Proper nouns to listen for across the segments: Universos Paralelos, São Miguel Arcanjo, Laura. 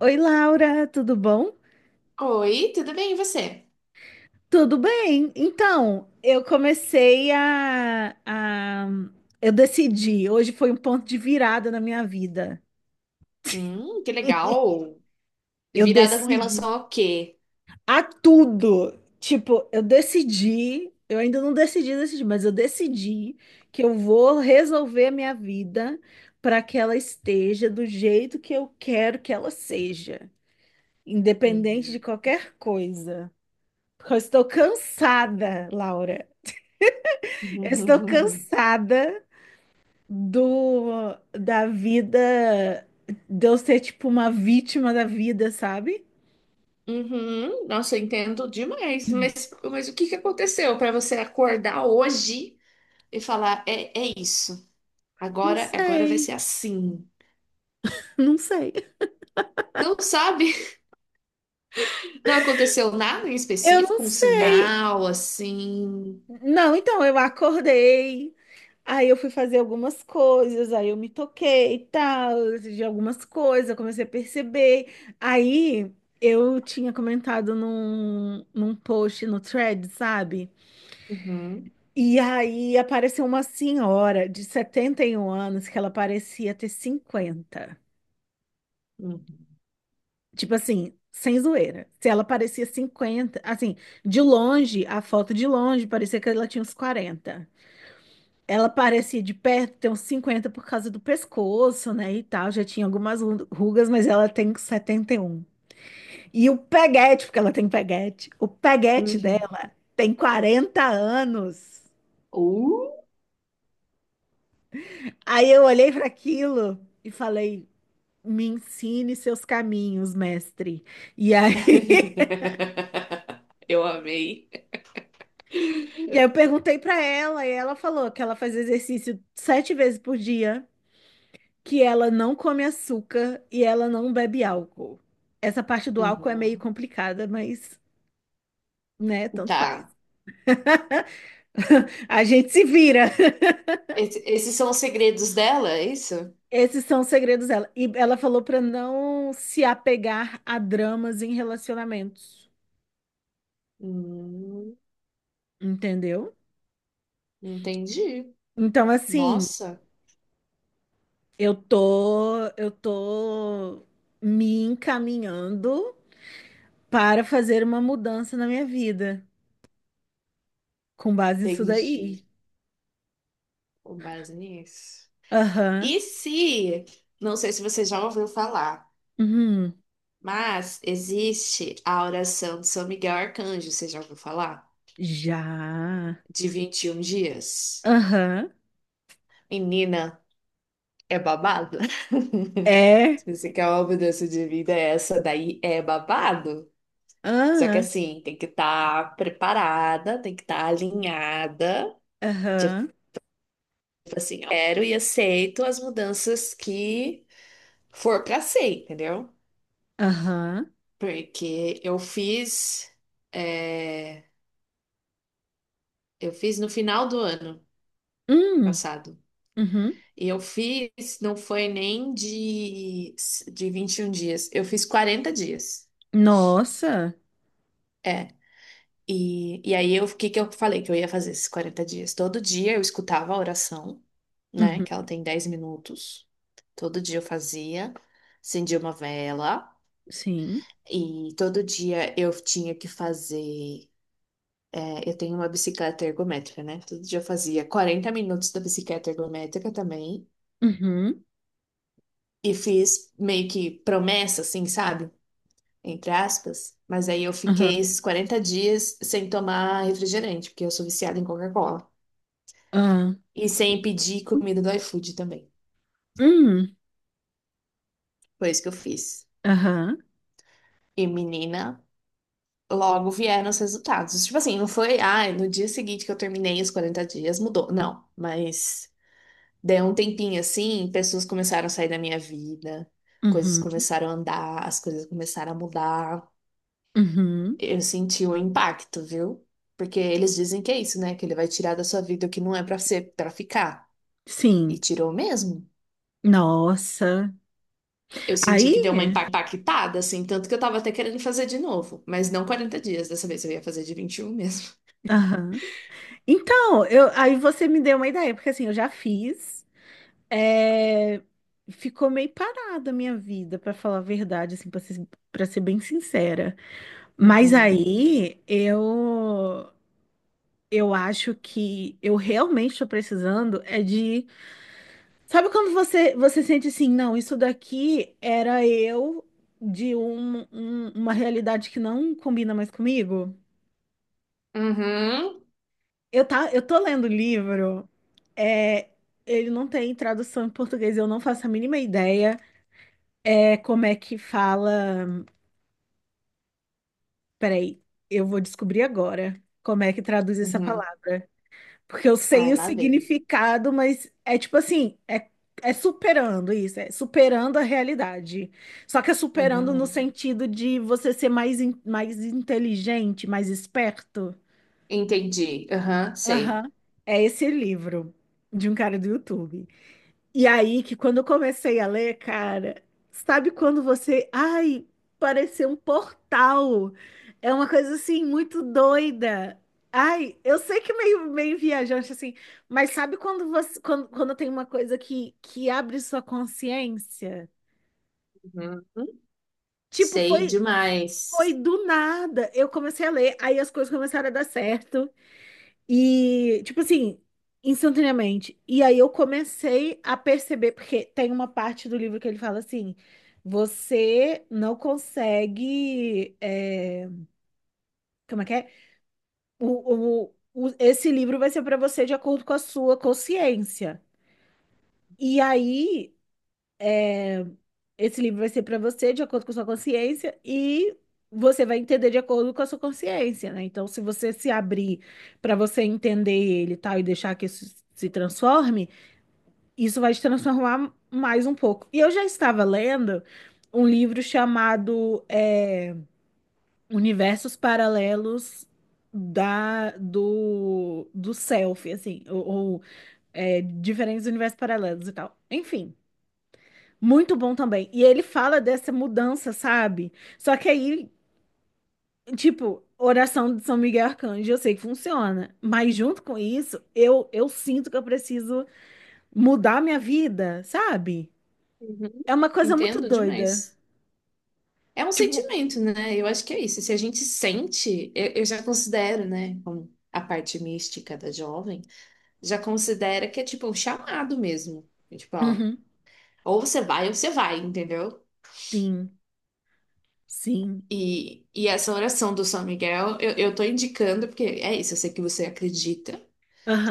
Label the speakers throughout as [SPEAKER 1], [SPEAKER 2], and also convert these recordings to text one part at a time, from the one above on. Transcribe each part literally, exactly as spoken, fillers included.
[SPEAKER 1] Oi, Laura, tudo bom?
[SPEAKER 2] Oi, tudo bem, e você?
[SPEAKER 1] Tudo bem. Então, eu comecei, a, a- Eu decidi, hoje foi um ponto de virada na minha vida.
[SPEAKER 2] Hum, que legal.
[SPEAKER 1] Eu
[SPEAKER 2] Virada com
[SPEAKER 1] decidi
[SPEAKER 2] relação ao quê?
[SPEAKER 1] a tudo. Tipo, eu decidi, eu ainda não decidi, decidi, mas eu decidi que eu vou resolver a minha vida para que ela esteja do jeito que eu quero que ela seja, independente de
[SPEAKER 2] Uhum.
[SPEAKER 1] qualquer coisa. Porque eu estou cansada, Laura. Eu estou cansada do da vida, de eu ser tipo uma vítima da vida, sabe?
[SPEAKER 2] Uhum. Nossa, eu entendo demais. Mas, mas o que que aconteceu para você acordar hoje e falar, é, é isso.
[SPEAKER 1] Não
[SPEAKER 2] Agora, agora vai
[SPEAKER 1] sei,
[SPEAKER 2] ser assim.
[SPEAKER 1] não sei.
[SPEAKER 2] Não sabe? Não aconteceu nada em
[SPEAKER 1] Eu não
[SPEAKER 2] específico, um
[SPEAKER 1] sei.
[SPEAKER 2] sinal assim.
[SPEAKER 1] Não, então eu acordei, aí eu fui fazer algumas coisas, aí eu me toquei e tal, de algumas coisas, eu comecei a perceber. Aí eu tinha comentado num, num post no thread, sabe?
[SPEAKER 2] Uhum.
[SPEAKER 1] E aí apareceu uma senhora de setenta e um anos, que ela parecia ter cinquenta.
[SPEAKER 2] Uhum.
[SPEAKER 1] Tipo assim, sem zoeira. Se ela parecia cinquenta, assim, de longe, a foto de longe parecia que ela tinha uns quarenta. Ela parecia, de perto, ter uns cinquenta por causa do pescoço, né, e tal. Já tinha algumas ru- rugas, mas ela tem setenta E um. E o peguete, porque ela tem peguete, o peguete
[SPEAKER 2] Uhum.
[SPEAKER 1] dela tem quarenta anos.
[SPEAKER 2] Uh!
[SPEAKER 1] Aí eu olhei para aquilo e falei: "Me ensine seus caminhos, mestre." E aí,
[SPEAKER 2] Eu amei.
[SPEAKER 1] e aí eu perguntei para ela, e ela falou que ela faz exercício sete vezes por dia, que ela não come açúcar e ela não bebe álcool. Essa parte do álcool é meio
[SPEAKER 2] Uhum.
[SPEAKER 1] complicada, mas, né, tanto faz.
[SPEAKER 2] Tá.
[SPEAKER 1] A gente se vira.
[SPEAKER 2] Esse- esses são os segredos dela, é isso?
[SPEAKER 1] Esses são os segredos dela. E ela falou para não se apegar a dramas em relacionamentos,
[SPEAKER 2] Hum.
[SPEAKER 1] entendeu?
[SPEAKER 2] Entendi.
[SPEAKER 1] Então, assim.
[SPEAKER 2] Nossa,
[SPEAKER 1] Eu tô, eu tô me encaminhando para fazer uma mudança na minha vida, com base nisso daí.
[SPEAKER 2] entendi. Com base nisso.
[SPEAKER 1] Aham.
[SPEAKER 2] E se, não sei se você já ouviu falar,
[SPEAKER 1] Uhum.
[SPEAKER 2] mas existe a oração de São Miguel Arcanjo, você já ouviu falar?
[SPEAKER 1] Já.
[SPEAKER 2] De vinte e um dias.
[SPEAKER 1] Aham.
[SPEAKER 2] Menina, é babado?
[SPEAKER 1] É.
[SPEAKER 2] Se você quer uma mudança de vida, essa daí é babado. Só que
[SPEAKER 1] Aham.
[SPEAKER 2] assim, tem que estar preparada, tem que estar alinhada. Tipo
[SPEAKER 1] Aham.
[SPEAKER 2] assim, eu quero e aceito as mudanças que for pra ser, entendeu?
[SPEAKER 1] Aham.
[SPEAKER 2] Porque eu fiz, é, eu fiz no final do ano
[SPEAKER 1] Hum.
[SPEAKER 2] passado.
[SPEAKER 1] Uhum.
[SPEAKER 2] E eu fiz, não foi nem de, de vinte e um dias, eu fiz quarenta dias.
[SPEAKER 1] Nossa.
[SPEAKER 2] é E, e aí, eu- o que que eu falei que eu ia fazer esses quarenta dias? Todo dia eu escutava a oração, né?
[SPEAKER 1] Uhum.
[SPEAKER 2] Que ela tem dez minutos. Todo dia eu fazia, acendia uma vela.
[SPEAKER 1] Sim.
[SPEAKER 2] E todo dia eu tinha que fazer. É, eu tenho uma bicicleta ergométrica, né? Todo dia eu fazia quarenta minutos da bicicleta ergométrica também.
[SPEAKER 1] Uhum.
[SPEAKER 2] E fiz meio que promessa, assim, sabe? Entre aspas. Mas aí eu fiquei
[SPEAKER 1] Aham.
[SPEAKER 2] esses quarenta dias sem tomar refrigerante, porque eu sou viciada em Coca-Cola.
[SPEAKER 1] Aham.
[SPEAKER 2] E sem pedir comida do iFood também.
[SPEAKER 1] Hum.
[SPEAKER 2] Foi isso que eu fiz.
[SPEAKER 1] Aham.
[SPEAKER 2] E, menina, logo vieram os resultados. Tipo assim, não foi, ai, no dia seguinte que eu terminei os quarenta dias, mudou. Não, mas deu um tempinho assim, pessoas começaram a sair da minha vida, coisas
[SPEAKER 1] Uhum.
[SPEAKER 2] começaram a andar, as coisas começaram a mudar.
[SPEAKER 1] Uhum.
[SPEAKER 2] Eu senti o impacto, viu? Porque eles dizem que é isso, né? Que ele vai tirar da sua vida o que não é pra ser, para ficar. E
[SPEAKER 1] Sim.
[SPEAKER 2] tirou mesmo.
[SPEAKER 1] Nossa.
[SPEAKER 2] Eu senti que deu uma
[SPEAKER 1] Aí.
[SPEAKER 2] empa- impactada, assim, tanto que eu tava até querendo fazer de novo, mas não quarenta dias, dessa vez eu ia fazer de vinte e um mesmo.
[SPEAKER 1] Aham. Então, eu, aí você me deu uma ideia, porque assim, eu já fiz, é, ficou meio parada a minha vida, pra falar a verdade, assim, para ser, para ser bem sincera. Mas
[SPEAKER 2] Uhum.
[SPEAKER 1] aí eu eu acho que eu realmente estou precisando é de, sabe quando você você sente assim, não, isso daqui era eu de um- um- uma realidade que não combina mais comigo?
[SPEAKER 2] Uhum,
[SPEAKER 1] Eu tá, eu tô lendo livro. É, ele não tem tradução em português, eu não faço a mínima ideia. É, como é que fala. Peraí, eu vou descobrir agora como é que traduz essa
[SPEAKER 2] uhum.
[SPEAKER 1] palavra. Porque eu sei
[SPEAKER 2] Ai,
[SPEAKER 1] o
[SPEAKER 2] lá vem.
[SPEAKER 1] significado, mas é tipo assim, é, é, superando isso, é superando a realidade. Só que é superando no
[SPEAKER 2] Uhum.
[SPEAKER 1] sentido de você ser mais, in- mais inteligente, mais esperto.
[SPEAKER 2] Entendi. Aham, sei.
[SPEAKER 1] Aham. É esse livro de um cara do YouTube. E aí que, quando eu comecei a ler, cara, sabe quando você, ai, pareceu um portal. É uma coisa assim muito doida. Ai, eu sei que meio meio viajante assim, mas sabe quando você quando, quando tem uma coisa que que abre sua consciência?
[SPEAKER 2] Uhum.
[SPEAKER 1] Tipo,
[SPEAKER 2] Sei
[SPEAKER 1] foi foi
[SPEAKER 2] demais.
[SPEAKER 1] do nada. Eu comecei a ler, aí as coisas começaram a dar certo. E, tipo assim, instantaneamente. E aí eu comecei a perceber, porque tem uma parte do livro que ele fala assim: você não consegue. é, como é que é? O, o, o- esse livro vai ser para você de acordo com a sua consciência. E aí, esse livro vai ser para você de acordo com a sua consciência e. Você vai entender de acordo com a sua consciência, né? Então, se você se abrir para você entender ele, e tal, e deixar que isso se transforme, isso vai te transformar mais um pouco. E eu já estava lendo um livro chamado, é, Universos Paralelos da do do Self, assim, ou, ou, é, diferentes universos paralelos e tal. Enfim, muito bom também. E ele fala dessa mudança, sabe? Só que aí, tipo, oração de São Miguel Arcanjo, eu sei que funciona, mas junto com isso, eu eu sinto que eu preciso mudar minha vida, sabe?
[SPEAKER 2] Uhum.
[SPEAKER 1] É uma coisa muito
[SPEAKER 2] Entendo
[SPEAKER 1] doida.
[SPEAKER 2] demais. É um
[SPEAKER 1] Tipo,
[SPEAKER 2] sentimento, né? Eu acho que é isso. Se a gente sente, eu, eu já considero, né, como a parte mística da jovem, já considera que é tipo um chamado mesmo. É, tipo, ó,
[SPEAKER 1] uhum,
[SPEAKER 2] ou você vai ou você vai, entendeu?
[SPEAKER 1] sim, sim,
[SPEAKER 2] E, e essa oração do São Miguel, eu, eu tô indicando porque é isso, eu sei que você acredita.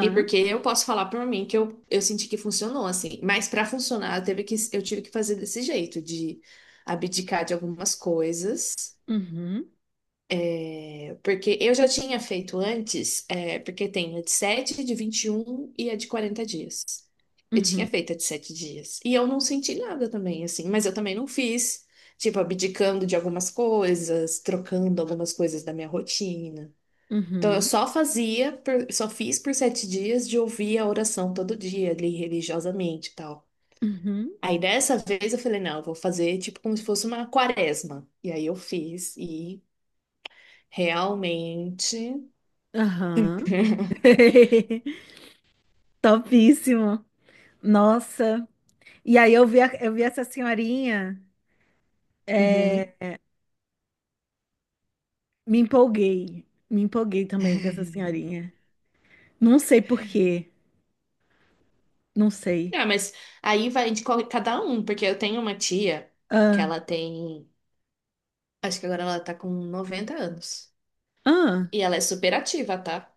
[SPEAKER 2] E porque eu posso falar por mim que eu, eu senti que funcionou assim, mas para funcionar eu teve que eu tive que fazer desse jeito, de abdicar de algumas coisas.
[SPEAKER 1] uhum,
[SPEAKER 2] Porque eu já tinha feito antes, é, porque tem a de sete de vinte e um e a de quarenta dias. Eu tinha
[SPEAKER 1] uhum,
[SPEAKER 2] feito a de sete dias. E eu não senti nada também, assim, mas eu também não fiz, tipo, abdicando de algumas coisas, trocando algumas coisas da minha rotina. Então eu
[SPEAKER 1] uhum,
[SPEAKER 2] só fazia, por- só fiz por sete dias de ouvir a oração todo dia, ali religiosamente e tal.
[SPEAKER 1] uhum,
[SPEAKER 2] Aí dessa vez eu falei, não, eu vou fazer tipo como se fosse uma quaresma. E aí eu fiz e realmente.
[SPEAKER 1] aham. Topíssimo. Nossa. E aí eu vi, a- eu vi essa senhorinha,
[SPEAKER 2] Uhum.
[SPEAKER 1] é, me empolguei. Me empolguei também com essa senhorinha. Não sei por quê, não sei.
[SPEAKER 2] Ah, mas aí vai de qual- cada um, porque eu tenho uma tia que
[SPEAKER 1] Ah,
[SPEAKER 2] ela tem, acho que agora ela tá com noventa anos.
[SPEAKER 1] ah,
[SPEAKER 2] E ela é super ativa, tá?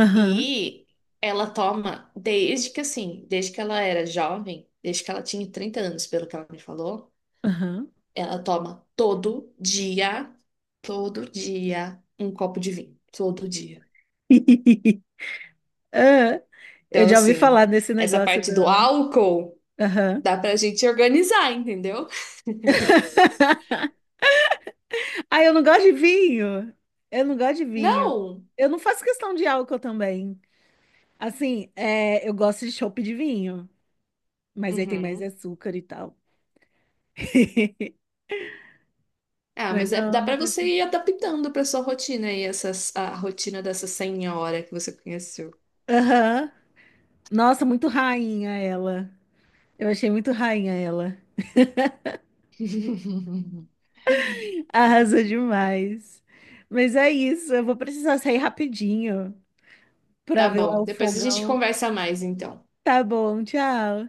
[SPEAKER 1] aham,
[SPEAKER 2] E ela toma desde que assim, desde que ela era jovem, desde que ela tinha trinta anos, pelo que ela me falou,
[SPEAKER 1] aham.
[SPEAKER 2] ela toma todo dia, todo dia um copo de vinho, todo dia.
[SPEAKER 1] Ah, eu
[SPEAKER 2] Então,
[SPEAKER 1] já ouvi
[SPEAKER 2] assim,
[SPEAKER 1] falar desse
[SPEAKER 2] essa
[SPEAKER 1] negócio
[SPEAKER 2] parte
[SPEAKER 1] do...
[SPEAKER 2] do álcool
[SPEAKER 1] Aham.
[SPEAKER 2] dá pra gente organizar, entendeu?
[SPEAKER 1] Ah, eu não gosto de vinho. Eu não gosto de vinho.
[SPEAKER 2] Não.
[SPEAKER 1] Eu não faço questão de álcool também. Assim, é, eu gosto de chopp de vinho, mas aí tem mais
[SPEAKER 2] Uhum.
[SPEAKER 1] açúcar e tal.
[SPEAKER 2] Ah,
[SPEAKER 1] Mas
[SPEAKER 2] mas é-
[SPEAKER 1] não,
[SPEAKER 2] dá
[SPEAKER 1] não
[SPEAKER 2] pra você
[SPEAKER 1] faço.
[SPEAKER 2] ir adaptando pra sua rotina aí, essas, a rotina dessa senhora que você conheceu.
[SPEAKER 1] Aham. Nossa, muito rainha ela. Eu achei muito rainha ela. Arrasou demais. Mas é isso, eu vou precisar sair rapidinho pra
[SPEAKER 2] Tá
[SPEAKER 1] ver lá
[SPEAKER 2] bom,
[SPEAKER 1] o
[SPEAKER 2] depois a gente
[SPEAKER 1] fogão.
[SPEAKER 2] conversa mais, então.
[SPEAKER 1] Tá bom, tchau.